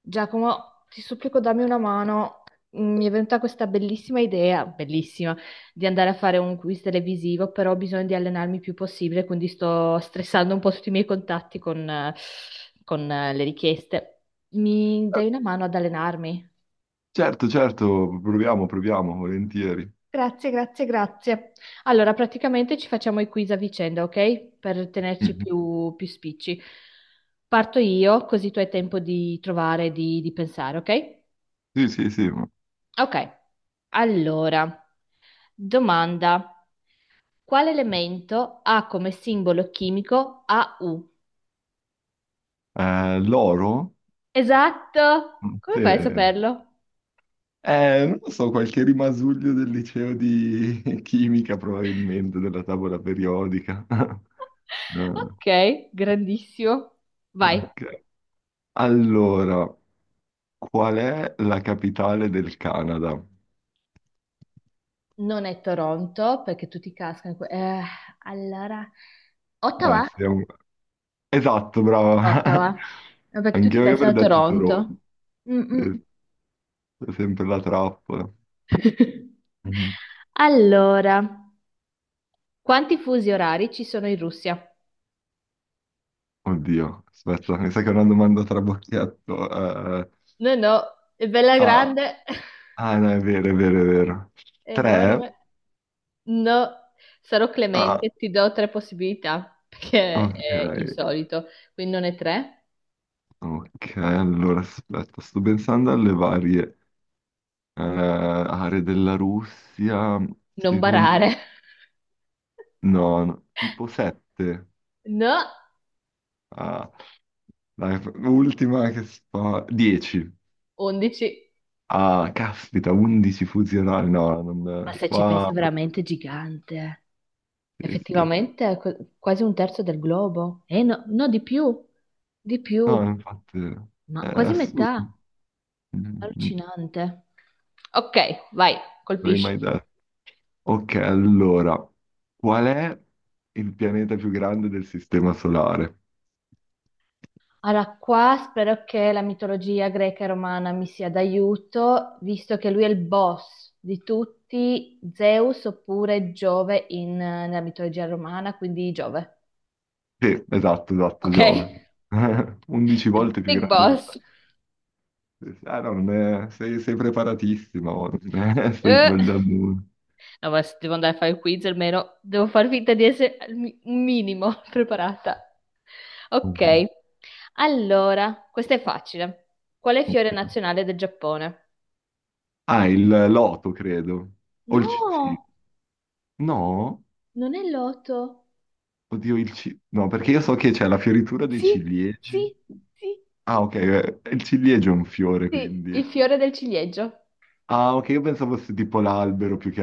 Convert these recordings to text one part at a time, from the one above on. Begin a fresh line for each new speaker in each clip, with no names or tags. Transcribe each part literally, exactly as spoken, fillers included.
Giacomo, ti supplico, dammi una mano. Mm, Mi è venuta questa bellissima idea, bellissima, di andare a fare un quiz televisivo, però ho bisogno di allenarmi il più possibile, quindi sto stressando un po' tutti i miei contatti con, eh, con, eh, le richieste. Mi dai una mano ad allenarmi?
Certo, certo, proviamo, proviamo, volentieri.
Grazie, grazie, grazie. Allora, praticamente ci facciamo i quiz a vicenda, ok? Per tenerci
Mhm.
più, più spicci. Parto io, così tu hai tempo di trovare, di, di pensare, ok?
Sì, sì, sì. ma-
Ok, allora, domanda. Quale elemento ha come simbolo chimico A U?
Eh, l'oro?
Esatto!
Mm,
Come
sì.
fai a saperlo?
Eh, non lo so, qualche rimasuglio del liceo di chimica, probabilmente, della tavola periodica. No,
Ok, grandissimo. Vai.
ok. Allora, qual è la capitale del Canada?
Non è Toronto, perché tutti cascano in que- eh, allora,
Eh,
Ottawa?
siamo- Esatto, brava.
Ottawa. No, perché
Anche
tutti
io
pensano
avrei
a
detto
Toronto.
Toronto.
Mm, mm.
Sì, è sempre la trappola. Mhm.
Allora, quanti fusi orari ci sono in Russia?
Oddio, aspetta, mi sa che è una domanda trabocchetto. eh, eh,
No, no, è bella
ah,
grande,
ah, no, è vero, è vero, è vero.
Mm.
Tre?
enorme. No, sarò
Ah,
clemente, ti do tre possibilità, perché è
ok,
insolito. Quindi non è tre,
ok, allora aspetta, sto pensando alle varie eh, aree della Russia.
non
Secondo...
barare.
No, no, tipo sette.
No,
Ah, dai, ultima che sto... Dieci.
undici.
Ah, caspita, undici fusionali. No,
Ma
non...
se ci pensi è
Wow,
veramente gigante.
sì, sì.
Effettivamente è qu- quasi un terzo del globo. Eh no, no, di più, di più,
No, infatti...
ma
È
quasi metà.
assurdo. Non
Allucinante. Ok, vai,
avrei
colpisci.
mai detto. Ok, allora, qual è il pianeta più grande del sistema solare?
Allora, qua spero che la mitologia greca e romana mi sia d'aiuto, visto che lui è il boss di tutti, Zeus oppure Giove in- nella mitologia romana, quindi Giove.
Sì, esatto, esatto,
Ok?
Giove. undici
The
volte più
Big
grande del
boss.
Terra. Sì, sì. Ah, no, non è- sei, sei preparatissima, oh, non è- stai
Eh.
sbagliando uno.
No, ma se devo andare a fare il quiz, almeno devo far finta di essere al mi- un minimo preparata.
Ok,
Ok, allora, questa è facile. Qual è il fiore
ok.
nazionale del Giappone?
Ah, il loto, credo. O il ci- sì.
No,
No?
non è l'otto.
Oddio, il ci... No, perché io so che c'è la fioritura dei
Sì,
ciliegi.
sì, sì,
Ah, ok, eh, il ciliegio è un fiore,
sì,
quindi...
il fiore del ciliegio.
Ah, ok, io pensavo fosse tipo l'albero più che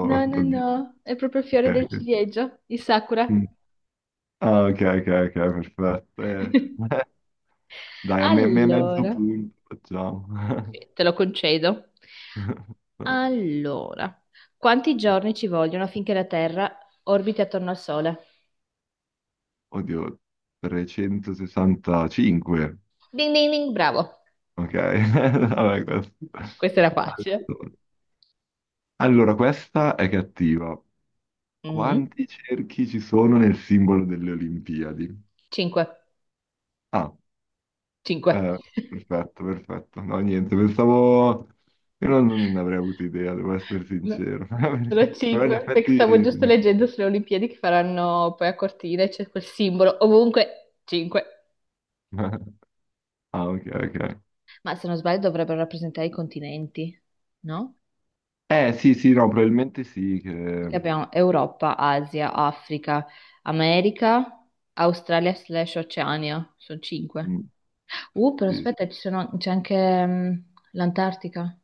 No, no,
Oddio.
no, è proprio il fiore
Ok,
del
ok.
ciliegio, il sakura.
Mm. Ah, ok, ok, ok, perfetto. Eh, Dai, a me, me mezzo
Allora,
punto facciamo.
te lo concedo. Allora, quanti giorni ci vogliono affinché la Terra orbiti attorno al Sole?
Oddio, trecentosessantacinque.
Ding ding ding, bravo.
Ok, vabbè, questo.
Questa era facile.
Allora, allora, questa è cattiva.
Mm.
Quanti cerchi ci sono nel simbolo delle Olimpiadi?
Cinque.
A.
Cinque.
Eh, Perfetto, perfetto. No, niente, pensavo... Io non, non ne avrei avuto idea, devo essere
No,
sincero.
sono
Perché- Però in
cinque, perché stavo giusto
effetti...
leggendo sulle Olimpiadi che faranno poi a Cortina, e c'è quel simbolo ovunque. Cinque.
Ah, ok, ok.
Ma se non sbaglio dovrebbero rappresentare i continenti, no?
Eh, sì, sì, no, probabilmente sì.
Perché
che-
abbiamo Europa, Asia, Africa, America, Australia slash Oceania, sono cinque.
mm,
Uh, però
sì, sì.
aspetta, ci sono- c'è anche mm, l'Antartica.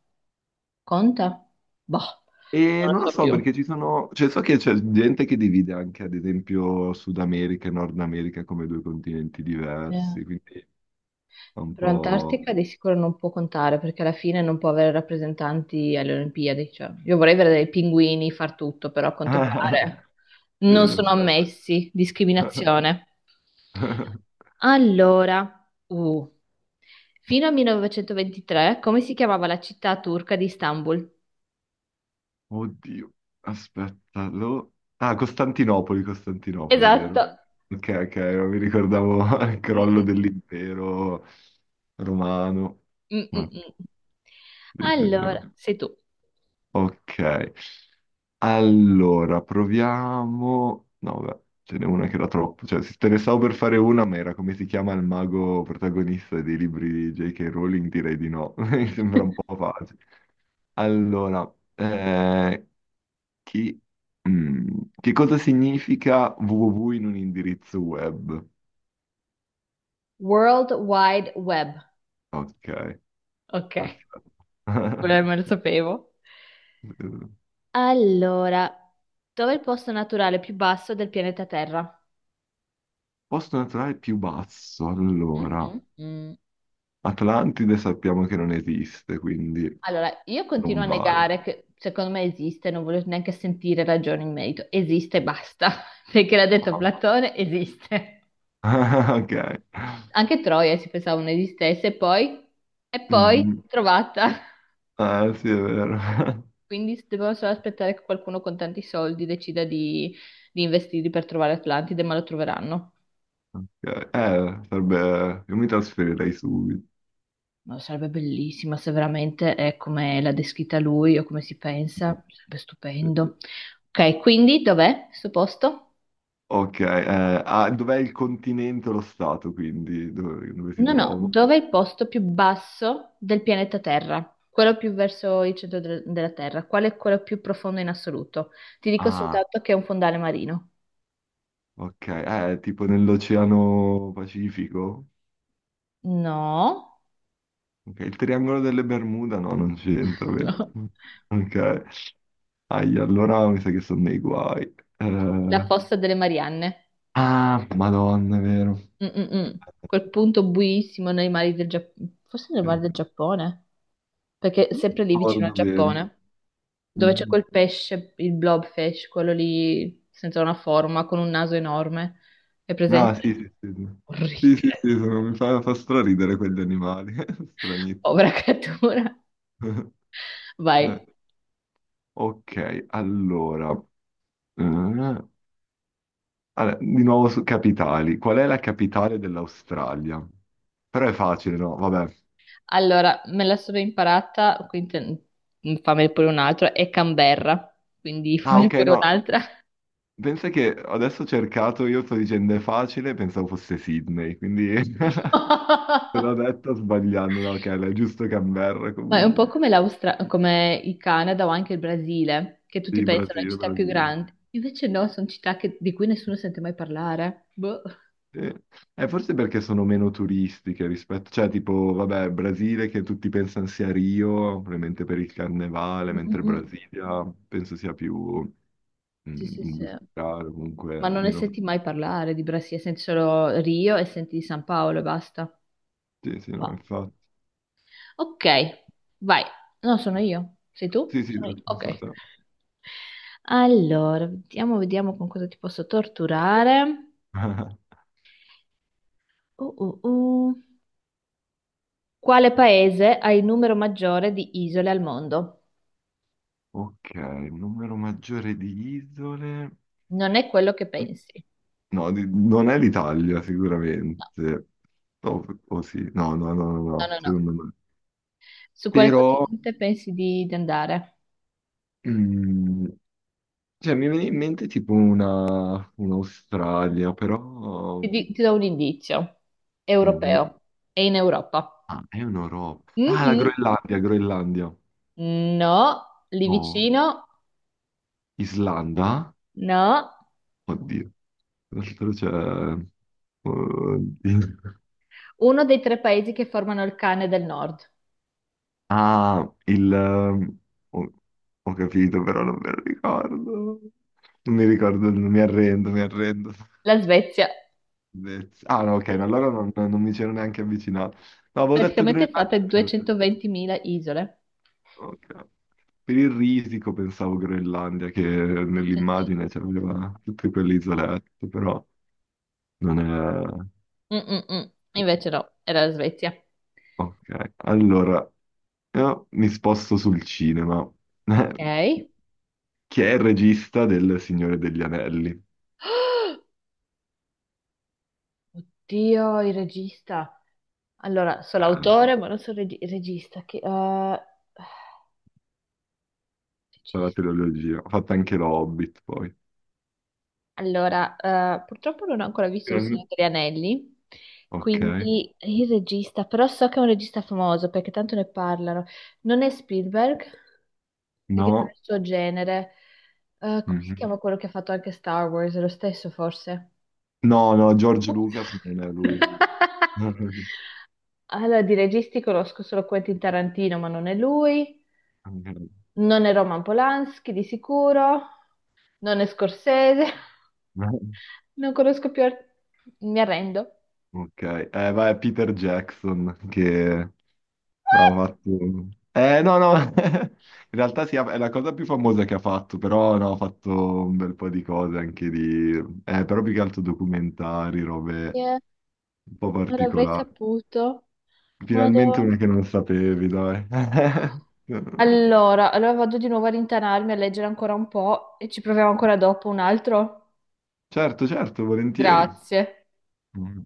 Conta? Boh,
E
non lo
non lo
so
so
più.
perché ci sono... Cioè, so che c'è gente che divide anche, ad esempio, Sud America e Nord America come due continenti
Eh,
diversi, quindi è un
Però
po'...
Antartica di sicuro non può contare perché alla fine non può avere rappresentanti alle Olimpiadi, cioè, io vorrei vedere dei pinguini far tutto, però a quanto pare
Sì,
non sono
perfetto.
ammessi. Discriminazione. Allora, uh, fino al millenovecentoventitré, come si chiamava la città turca di Istanbul?
Oddio, aspetta, lo... Ah, Costantinopoli, Costantinopoli,
Esatto.
vero? Ok, ok, non mi ricordavo il
Mm,
crollo
mm,
dell'impero romano.
mm, mm,
Ma-
mm.
sì, sì, sì,
Allora,
no.
sei tu.
Ok, allora proviamo... No, vabbè, ce n'è una che era troppo. Cioè, se te ne stavo per fare una, ma era come si chiama il mago protagonista dei libri di J K. Rowling? Direi di no, mi sembra un po' facile. Allora, eh, chi- mm, che cosa significa www in un indirizzo web?
World Wide Web.
Ok,
Ok,
perfetto.
quello me lo sapevo.
Eh,
Allora, dov'è il posto naturale più basso del pianeta Terra?
Posto naturale più basso, allora.
Mhm, mm.
Atlantide sappiamo che non esiste, quindi
Allora, io continuo
non
a
vale.
negare che secondo me esiste, non voglio neanche sentire ragioni in merito. Esiste e basta, perché l'ha detto
Ah.
Platone, esiste.
Ok.
Anche Troia si pensava non esistesse, e poi, e poi
Mm,
trovata.
eh, sì, è vero.
Quindi dobbiamo solo aspettare che qualcuno con tanti soldi decida di, di investirli per trovare Atlantide, ma lo troveranno.
Ok, Eh, sarebbe... Io mi trasferirei subito.
Ma sarebbe bellissima se veramente è come l'ha descritta lui o come si pensa, sarebbe stupendo. Ok, quindi dov'è questo posto?
Ok, eh, ah, dov'è il continente o lo stato, quindi? Dove, dove si
No, no,
trova?
dov'è il posto più basso del pianeta Terra? Quello più verso il centro del- della Terra. Qual è quello più profondo in assoluto? Ti dico
Ah,
soltanto che è un fondale marino.
ok, eh, tipo nell'Oceano Pacifico.
No,
Ok, il triangolo delle Bermuda no, non c'entra, vero?
no,
Ok, ahi, allora mi sa che sono nei guai.
la
Eh,
fossa delle Marianne.
Ah, Madonna, è vero.
Mm, mm, mm. Quel punto buissimo nei mari del Giappone, forse nei mari
Eh,
del Giappone, perché è
Sì.
sempre lì vicino al
Ricordo bene.
Giappone, dove c'è
Mhm.
quel pesce, il blobfish, quello lì senza una forma, con un naso enorme. È
Ah,
presente?
sì, sì, sì. Sì, sì, sì, sì,
Orribile.
sono- mi fa, fa straridere quegli animali. Stranissimi.
Povera creatura. Vai.
Eh, Ok, allora. eh, Allora, di nuovo su capitali. Qual è la capitale dell'Australia? Però è facile, no? Vabbè.
Allora, me la sono imparata, quindi te- fammi pure un altro, è Canberra, quindi
Ah,
fammi
ok,
pure
no.
un'altra.
Pensa che adesso ho cercato, io sto dicendo è facile, pensavo fosse Sydney, quindi te l'ho detto sbagliando, no? Ok, è giusto Canberra
Ma è un
comunque.
po' come l'Austra- come il Canada o anche il Brasile, che tutti
Sì,
pensano a
Brasile,
città più
Brasile.
grandi. Invece no, sono città che- di cui nessuno sente mai parlare. Boh.
Sì. Eh, forse perché sono meno turistiche rispetto, cioè tipo, vabbè, Brasile che tutti pensano sia Rio, probabilmente per il carnevale,
Mm, mm,
mentre
mm.
Brasilia penso sia più... mh,
Sì, sì, sì.
industriale,
Ma
comunque
non ne
meno...
senti mai parlare di Brasile, senti solo Rio e senti di San Paolo e basta.
Sì, sì, no,
Wow.
infatti.
Ok, vai. No, sono io. Sei tu?
Sì, sì,
Sono io.
sono
Ok.
stata...
Allora, vediamo, vediamo con cosa ti posso torturare. Uh, uh, uh. Quale paese ha il numero maggiore di isole al mondo?
Ok, un numero maggiore di isole...
Non è quello che pensi.
No, di- non è l'Italia sicuramente. No, o sì, no, no, no, no,
No,
no,
no, no, no.
secondo me.
Su quale
Però,
continente pensi di, di andare?
mm, cioè, mi viene in mente tipo una, un'Australia,
Ti,
però...
di- ti do un indizio.
Mhm.
Europeo. È in Europa.
Ah, è un'Europa. Ah, la
Mhm.
Groenlandia, Groenlandia.
No, lì
No,
vicino.
Islanda?
No.
Oddio. Tra l'altro c'è... Oddio.
Uno dei tre paesi che formano il cane del nord.
Ah, il... ehm, Ho, ho capito, però non me lo ricordo. Non mi ricordo, il- mi arrendo, mi arrendo.
La Svezia.
Bellezza. Ah, no, ok, no, allora non, non mi c'ero neanche avvicinato. No, avevo detto
Praticamente è fatta
Groenlandia
di
per...
duecentoventimila isole.
ok. Per il risico pensavo Groenlandia, che
Mm, mm,
nell'immagine c'aveva tutte quelle isolette, però non è...
mm. Mm, mm, mm. Invece no, era la Svezia.
Ok, allora, io mi sposto sul cinema.
Ok.
Chi è il regista del Signore degli Anelli?
Oddio, il regista. Allora, so
Ah,
l'autore, ma non so il regi- il regista. Che, eh,
la
regista.
trilogia. Ho fatto anche lo Hobbit poi.
Allora, eh, purtroppo non ho ancora visto Il Signore
Gran-
degli Anelli,
Ok.
quindi il regista, però so che è un regista famoso perché tanto ne parlano. Non è Spielberg, perché non è
No.
il suo genere. Eh, come si
Mhm.
chiama quello che ha fatto anche Star Wars? È lo stesso, forse?
No, no, George Lucas, ma
Ups.
non è lui.
Allora, di registi conosco solo Quentin Tarantino, ma non è lui. Non è Roman Polanski di sicuro, non è Scorsese, non conosco più, art- mi arrendo.
Ok. Eh, vai, Peter Jackson, che ha fatto... Eh, no, no. In realtà sì, è la cosa più famosa che ha fatto, però no, ha fatto un bel po' di cose anche di... Eh, però più che altro documentari, robe
Eh,
un po'
Non avrei
particolari.
saputo. Madò.
Finalmente una che non sapevi, dai.
Allora, allora vado di nuovo a rintanarmi a leggere ancora un po' e ci proviamo ancora dopo un altro.
Certo, certo, volentieri.
Grazie.
Mm.